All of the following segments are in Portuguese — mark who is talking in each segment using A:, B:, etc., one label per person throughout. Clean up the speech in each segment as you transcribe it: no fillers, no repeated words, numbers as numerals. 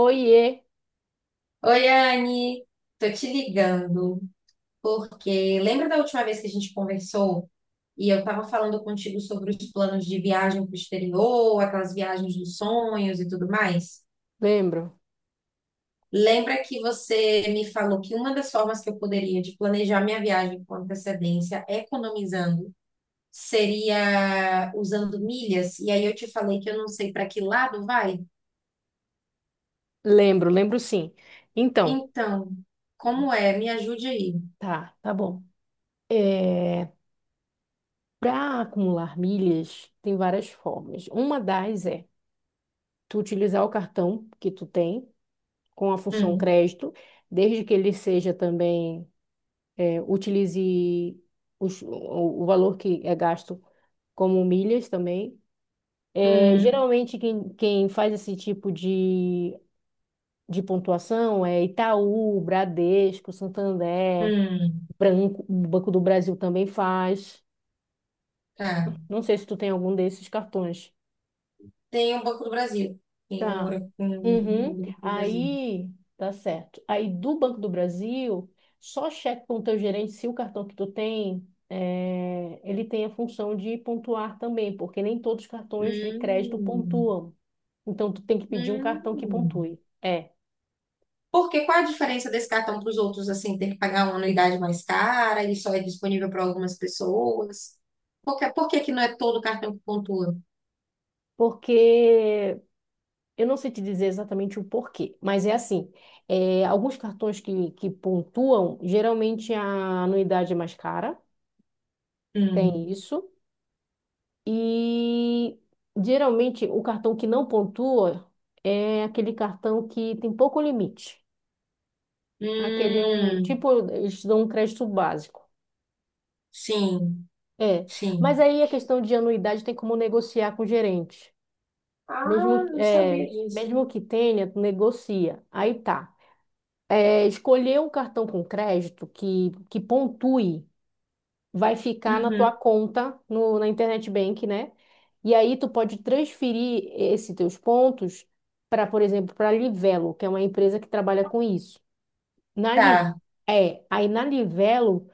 A: Oiê,
B: Oi, Anne, tô te ligando porque lembra da última vez que a gente conversou e eu tava falando contigo sobre os planos de viagem para o exterior, aquelas viagens dos sonhos e tudo mais?
A: lembro,
B: Lembra que você me falou que uma das formas que eu poderia de planejar minha viagem com antecedência, economizando, seria usando milhas? E aí eu te falei que eu não sei para que lado vai?
A: lembro sim. Então,
B: Então, como é? Me ajude aí.
A: tá bom. É, Para acumular milhas, tem várias formas. Uma das é tu utilizar o cartão que tu tem com a função
B: Hum,
A: crédito, desde que ele seja também, utilize os- o, o valor que é gasto como milhas também.
B: hum,
A: Geralmente, quem faz esse tipo de pontuação é Itaú, Bradesco, Santander.
B: hum.
A: Branco, o Banco do Brasil também faz.
B: Tá.
A: Não sei se tu tem algum desses cartões.
B: Tem um Banco do Brasil. Tem um,
A: Tá.
B: um
A: Uhum.
B: Banco do Brasil.
A: Aí, tá certo. Aí do Banco do Brasil, só cheque com o teu gerente se o cartão que tu tem, ele tem a função de pontuar também, porque nem todos os cartões de crédito
B: Hum,
A: pontuam. Então, tu tem que pedir um cartão que
B: hum.
A: pontue. É,
B: Por quê? Qual a diferença desse cartão para os outros, assim, ter que pagar uma anuidade mais cara? Ele só é disponível para algumas pessoas? Por que que não é todo cartão que pontua?
A: porque eu não sei te dizer exatamente o porquê, mas é assim, alguns cartões que pontuam, geralmente a anuidade é mais cara,
B: Hum,
A: tem isso, e geralmente o cartão que não pontua é aquele cartão que tem pouco limite, aquele é um,
B: hum,
A: tipo, eles dão um crédito básico.
B: sim,
A: É, mas
B: sim.
A: aí a questão de anuidade tem como negociar com o gerente,
B: Ah,
A: mesmo,
B: não sabia disso.
A: mesmo que tenha, tu negocia, aí tá. Escolher um cartão com crédito que pontue, vai ficar na tua
B: Uhum,
A: conta no, na Internet Bank, né? E aí tu pode transferir esses teus pontos para, por exemplo, para a Livelo, que é uma empresa que trabalha com isso. Na Li,
B: tá.
A: aí na Livelo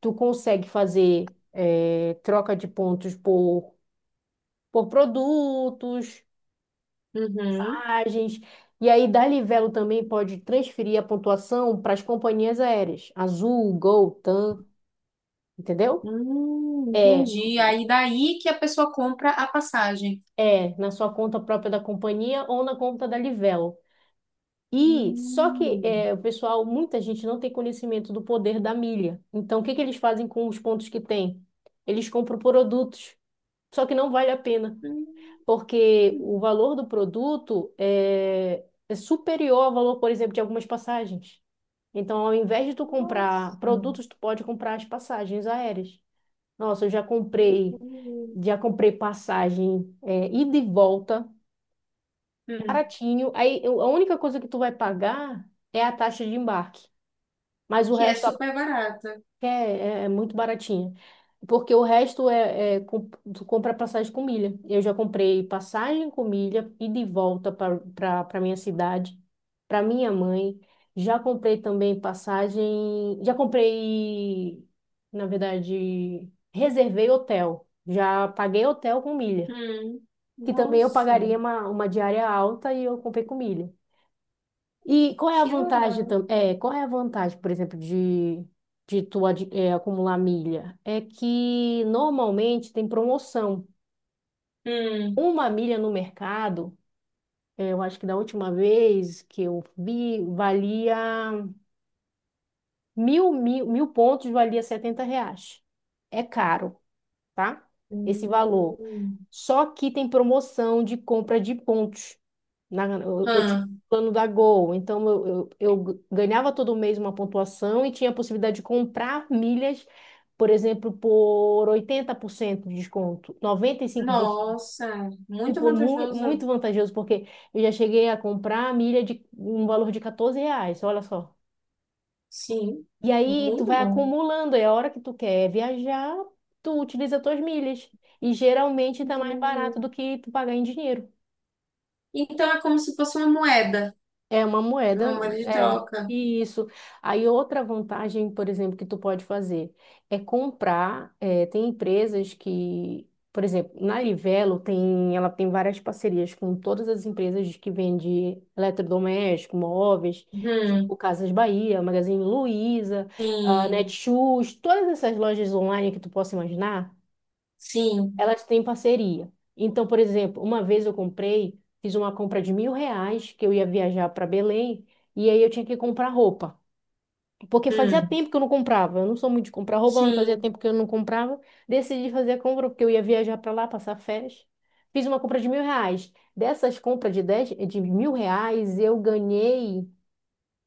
A: tu consegue fazer troca de pontos por produtos,
B: Uhum.
A: mensagens. E aí, da Livelo também pode transferir a pontuação para as companhias aéreas, Azul, Gol, TAM, entendeu? É,
B: Entendi. Aí daí que a pessoa compra a passagem.
A: é na sua conta própria da companhia ou na conta da Livelo. E só que
B: Hum.
A: o pessoal, muita gente não tem conhecimento do poder da milha. Então, o que que eles fazem com os pontos que têm? Eles compram produtos, só que não vale a pena,
B: Hum,
A: porque o valor do produto é superior ao valor, por exemplo, de algumas passagens. Então, ao invés de tu comprar
B: nossa,
A: produtos, tu pode comprar as passagens aéreas. Nossa, eu
B: entendi.
A: já comprei passagem ida e volta,
B: Hum,
A: baratinho. Aí, a única coisa que tu vai pagar é a taxa de embarque. Mas o
B: que é
A: resto, a
B: super barata.
A: é, é é muito baratinha. Porque o resto é, tu compra passagem com milha. Eu já comprei passagem com milha e de volta para minha cidade, para minha mãe. Já comprei também passagem. Já comprei, na verdade, reservei hotel. Já paguei hotel com milha.
B: Hum,
A: Que também eu
B: nossa,
A: pagaria uma diária alta e eu comprei com milha. E qual é a
B: que
A: vantagem
B: legal.
A: também? Qual é a vantagem, por exemplo, de acumular milha? É que normalmente tem promoção.
B: Hum,
A: Uma milha no mercado, eu acho que da última vez que eu vi, valia mil pontos, valia 70 reais. É caro. Tá? Esse valor.
B: hum,
A: Só que tem promoção de compra de pontos. Eu tinha
B: hã,
A: o plano da Gol, então eu ganhava todo mês uma pontuação e tinha a possibilidade de comprar milhas, por exemplo, por 80% de desconto, 95%.
B: nossa, muito
A: Tipo, mu
B: vantajoso.
A: muito vantajoso, porque eu já cheguei a comprar milha de um valor de R$ 14, olha só.
B: Sim,
A: E aí tu
B: muito
A: vai
B: bom.
A: acumulando, e a hora que tu quer viajar, tu utiliza tuas milhas. E geralmente tá mais
B: Entendi.
A: barato do que tu pagar em dinheiro.
B: Então é como se fosse
A: É uma
B: uma
A: moeda,
B: moeda de
A: é.
B: troca.
A: E isso. Aí outra vantagem, por exemplo, que tu pode fazer é comprar. Tem empresas que, por exemplo, na Livelo tem, ela tem várias parcerias com todas as empresas que vendem eletrodoméstico, móveis, tipo
B: Hum,
A: Casas Bahia, Magazine Luiza, ah,
B: sim,
A: Netshoes, todas essas lojas online que tu possa imaginar
B: sim,
A: elas têm parceria. Então, por exemplo, uma vez eu comprei, fiz uma compra de mil reais, que eu ia viajar para Belém, e aí eu tinha que comprar roupa. Porque fazia
B: hum,
A: tempo que eu não comprava. Eu não sou muito de comprar roupa, mas fazia
B: sim.
A: tempo que eu não comprava. Decidi fazer a compra porque eu ia viajar para lá, passar férias. Fiz uma compra de mil reais. Dessas compras de mil reais, eu ganhei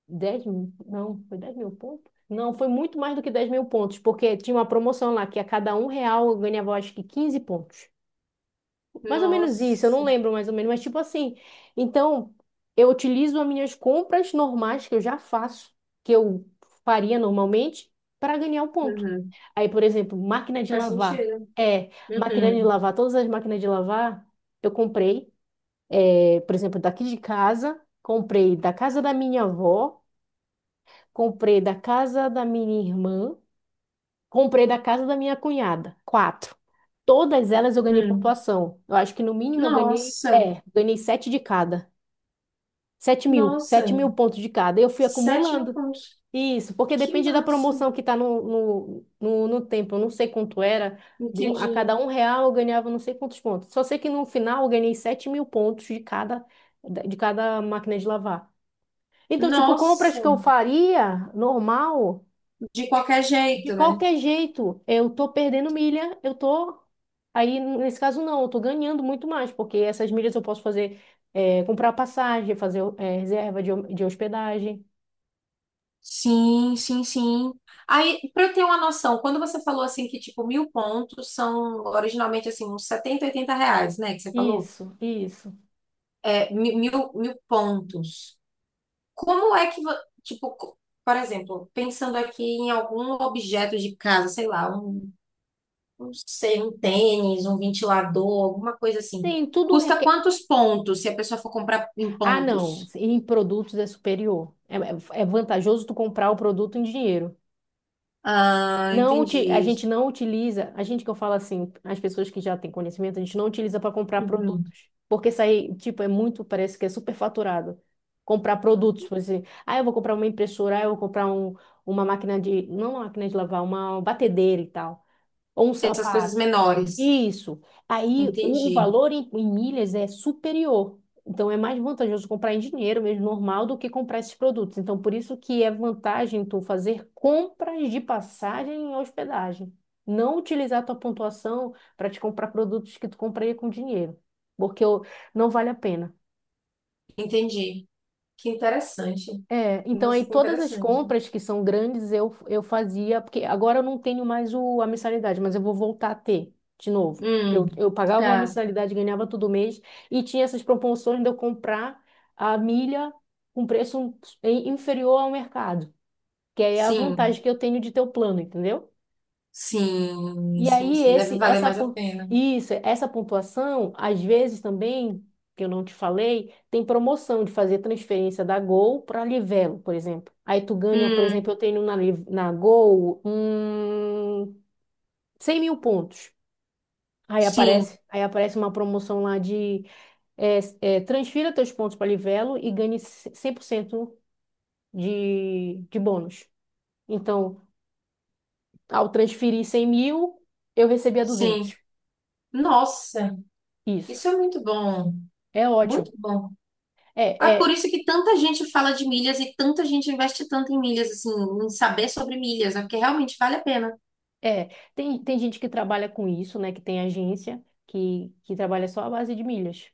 A: 10 mil, não, foi 10 mil pontos? Não, foi muito mais do que 10 mil pontos, porque tinha uma promoção lá que a cada um real eu ganhava, acho que 15 pontos. Mais ou menos isso, eu não
B: Nossa,
A: lembro mais ou menos, mas tipo assim. Então, eu utilizo as minhas compras normais que eu já faço, que eu faria normalmente, para ganhar um ponto.
B: uhum,
A: Aí, por exemplo, máquina de
B: faz
A: lavar.
B: sentido.
A: É, máquina de
B: Uhum,
A: lavar, todas as máquinas de lavar eu comprei, por exemplo, daqui de casa, comprei da casa da minha avó, comprei da casa da minha irmã. Comprei da casa da minha cunhada, quatro. Todas elas eu ganhei
B: hum.
A: pontuação. Eu acho que no mínimo eu ganhei,
B: Nossa,
A: ganhei sete de cada.
B: nossa,
A: Sete mil pontos de cada. Eu fui
B: sétimo
A: acumulando.
B: ponto.
A: Isso, porque
B: Que
A: depende da
B: massa.
A: promoção que tá no tempo. Eu não sei quanto era. A cada
B: Entendi.
A: um real eu ganhava não sei quantos pontos. Só sei que no final eu ganhei sete mil pontos de cada máquina de lavar. Então, tipo, compras
B: Nossa,
A: que eu faria normal.
B: de qualquer
A: De
B: jeito, né?
A: qualquer jeito, eu tô perdendo milha, eu tô. Aí, nesse caso, não, eu tô ganhando muito mais, porque essas milhas eu posso fazer, comprar passagem, fazer, reserva de hospedagem.
B: Sim, sim, sim. Aí, para eu ter uma noção, quando você falou assim que tipo mil pontos são originalmente assim uns 70, 80 reais, né? Que você falou,
A: Isso, isso.
B: é mil, pontos. Como é que vo- tipo, por exemplo, pensando aqui em algum objeto de casa, sei lá, um não sei, um tênis, um ventilador, alguma coisa assim.
A: Tem tudo
B: Custa
A: requer.
B: quantos pontos se a pessoa for comprar em
A: Ah, não,
B: pontos?
A: em produtos é superior. É vantajoso tu comprar o produto em dinheiro.
B: Ah,
A: Não, a
B: entendi.
A: gente não utiliza, a gente que eu falo assim, as pessoas que já têm conhecimento, a gente não utiliza para comprar
B: Uhum.
A: produtos, porque isso aí, tipo, é muito, parece que é superfaturado. Comprar produtos, por exemplo, ah, eu vou comprar uma impressora, ah, eu vou comprar um, uma máquina de, não uma máquina de lavar, uma batedeira e tal, ou um
B: Essas coisas
A: sapato.
B: menores.
A: Isso. Aí o
B: Entendi,
A: valor em, em milhas é superior. Então é mais vantajoso comprar em dinheiro mesmo normal do que comprar esses produtos. Então por isso que é vantagem tu fazer compras de passagem e hospedagem. Não utilizar tua pontuação para te comprar produtos que tu compraria com dinheiro, porque não vale a pena.
B: entendi. Que interessante.
A: É, então
B: Nossa,
A: aí
B: que
A: todas as
B: interessante.
A: compras que são grandes eu fazia, porque agora eu não tenho mais a mensalidade, mas eu vou voltar a ter de novo. Que
B: Hum,
A: eu pagava uma
B: tá.
A: mensalidade, ganhava todo mês, e tinha essas promoções de eu comprar a milha com preço inferior ao mercado, que aí é a
B: Sim,
A: vantagem que eu tenho de ter o plano, entendeu?
B: sim,
A: E
B: sim,
A: aí,
B: sim. Deve
A: esse,
B: valer
A: essa,
B: mais a
A: pon-
B: pena.
A: isso, essa pontuação, às vezes também, que eu não te falei, tem promoção de fazer transferência da Gol para Livelo, por exemplo. Aí tu ganha, por exemplo,
B: Hum,
A: eu tenho na Gol 100 mil pontos.
B: sim,
A: Aí aparece uma promoção lá de é, transfira teus pontos para Livelo e ganhe 100% de bônus. Então, ao transferir 100 mil, eu recebia
B: sim.
A: duzentos.
B: Nossa,
A: Isso.
B: isso é muito bom.
A: É
B: Muito
A: ótimo.
B: bom.
A: É,
B: É por
A: é,
B: isso que tanta gente fala de milhas e tanta gente investe tanto em milhas, assim, em saber sobre milhas, né? Porque realmente vale a pena.
A: é. Tem, tem gente que trabalha com isso, né? Que tem agência que trabalha só à base de milhas.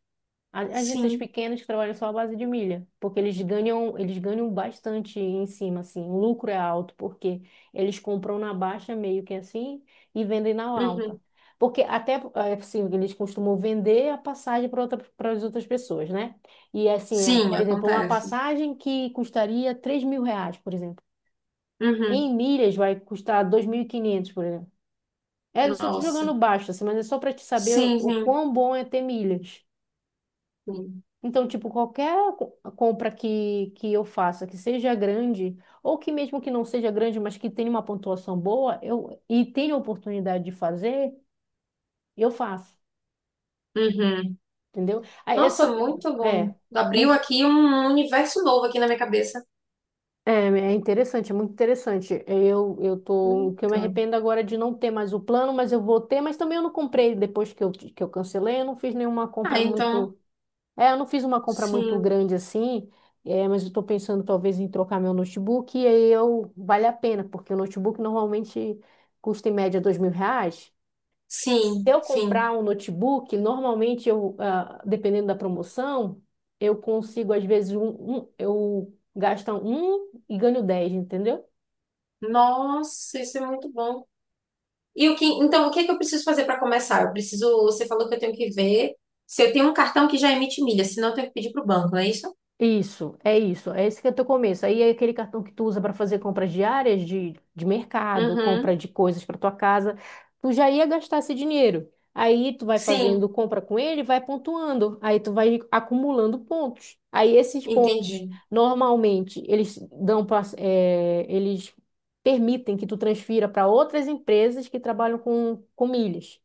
A: Agências
B: Sim.
A: pequenas que trabalham só à base de milha, porque eles ganham bastante em cima, assim. O lucro é alto, porque eles compram na baixa meio que assim e vendem na
B: Uhum.
A: alta. Porque até, assim, eles costumam vender a passagem para outra, para as outras pessoas, né? E assim,
B: Sim,
A: por exemplo, uma
B: acontece.
A: passagem que custaria 3 mil reais, por exemplo.
B: Uhum.
A: Em milhas vai custar 2.500 por exemplo. É, eu só tô
B: Nossa.
A: jogando baixo, assim, mas é só para te saber
B: Sim,
A: o
B: sim,
A: quão bom é ter milhas.
B: sim.
A: Então, tipo, qualquer compra que eu faça, que seja grande, ou que mesmo que não seja grande, mas que tenha uma pontuação boa, eu e tenha oportunidade de fazer, eu faço,
B: Uhum.
A: entendeu? Aí é
B: Nossa,
A: só.
B: muito bom.
A: É,
B: Abriu
A: aí-
B: aqui um universo novo aqui na minha cabeça.
A: é interessante, é muito interessante. Eu tô. O que eu me
B: Muito.
A: arrependo agora é de não ter mais o plano, mas eu vou ter, mas também eu não comprei depois que que eu cancelei, eu não fiz nenhuma
B: Ah,
A: compra
B: então,
A: muito. É, eu não fiz uma compra muito
B: sim,
A: grande assim, mas eu estou pensando talvez em trocar meu notebook e aí eu vale a pena, porque o notebook normalmente custa em média dois mil reais. Se
B: sim,
A: eu comprar
B: sim.
A: um notebook, normalmente eu, ah, dependendo da promoção, eu consigo às vezes eu gasto um e ganho dez, entendeu?
B: Nossa, isso é muito bom. E o que, então, o que é que eu preciso fazer para começar? Você falou que eu tenho que ver se eu tenho um cartão que já emite milha, senão eu tenho que pedir para o banco, não é isso?
A: Isso. É esse que é o teu começo. Aí é aquele cartão que tu usa para fazer compras diárias de mercado, compra
B: Uhum.
A: de coisas para tua casa. Tu já ia gastar esse dinheiro. Aí tu vai fazendo
B: Sim,
A: compra com ele, vai pontuando. Aí tu vai acumulando pontos. Aí esses pontos,
B: entendi,
A: normalmente, eles dão pra, eles permitem que tu transfira para outras empresas que trabalham com milhas.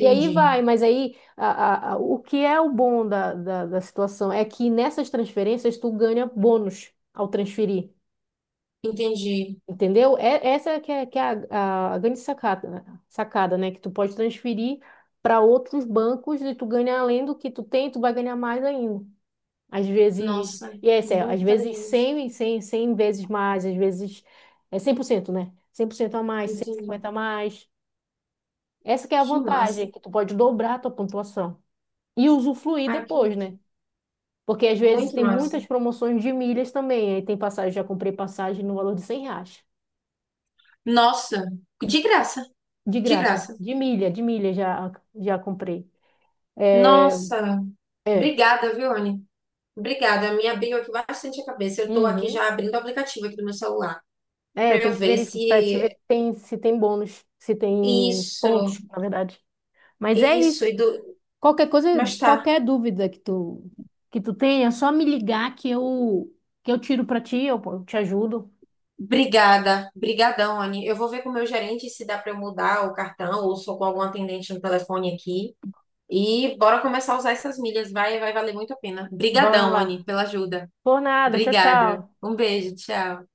A: E aí vai, mas aí o que é o bom da, da, da situação é que nessas transferências tu ganha bônus ao transferir,
B: entendi.
A: entendeu? É, que é a grande sacada, né? Sacada, né? Que tu pode transferir para outros bancos e tu ganha além do que tu tem, tu vai ganhar mais ainda. Às vezes,
B: Nossa,
A: e é sério, às
B: muito
A: vezes
B: inteligente.
A: 100, 100 vezes mais, às vezes é 100% né? Cem por cento a mais,
B: Entendi.
A: 150 a mais. Essa que é a
B: Que massa.
A: vantagem, que tu pode dobrar a tua pontuação. E usufruir
B: Ai, que
A: depois,
B: massa.
A: né? Porque às vezes
B: Muito
A: tem
B: massa.
A: muitas promoções de milhas também. Aí tem passagem, já comprei passagem no valor de 100 reais.
B: Nossa, de graça,
A: De
B: de
A: graça.
B: graça.
A: De milha já, já comprei. É,
B: Nossa,
A: é,
B: obrigada, viu, Anne? Obrigada, me abriu aqui bastante a cabeça. Eu estou aqui
A: uhum.
B: já abrindo o aplicativo aqui do meu celular para
A: É, tem
B: eu
A: que
B: ver
A: verificar para te ver
B: se
A: se tem, se tem bônus, se tem
B: isso.
A: pontos, na verdade. Mas é
B: Isso.
A: isso. Qualquer coisa,
B: Mas tá.
A: qualquer dúvida que tu tenha, é só me ligar que eu tiro para ti, eu te ajudo.
B: Obrigada, brigadão, Anne. Eu vou ver com o meu gerente se dá para eu mudar o cartão ou sou com algum atendente no telefone aqui. E bora começar a usar essas milhas, vai, vai valer muito a pena.
A: Bora
B: Brigadão,
A: lá.
B: Anne, pela ajuda.
A: Por nada. Tchau,
B: Obrigada.
A: tchau.
B: Um beijo, tchau.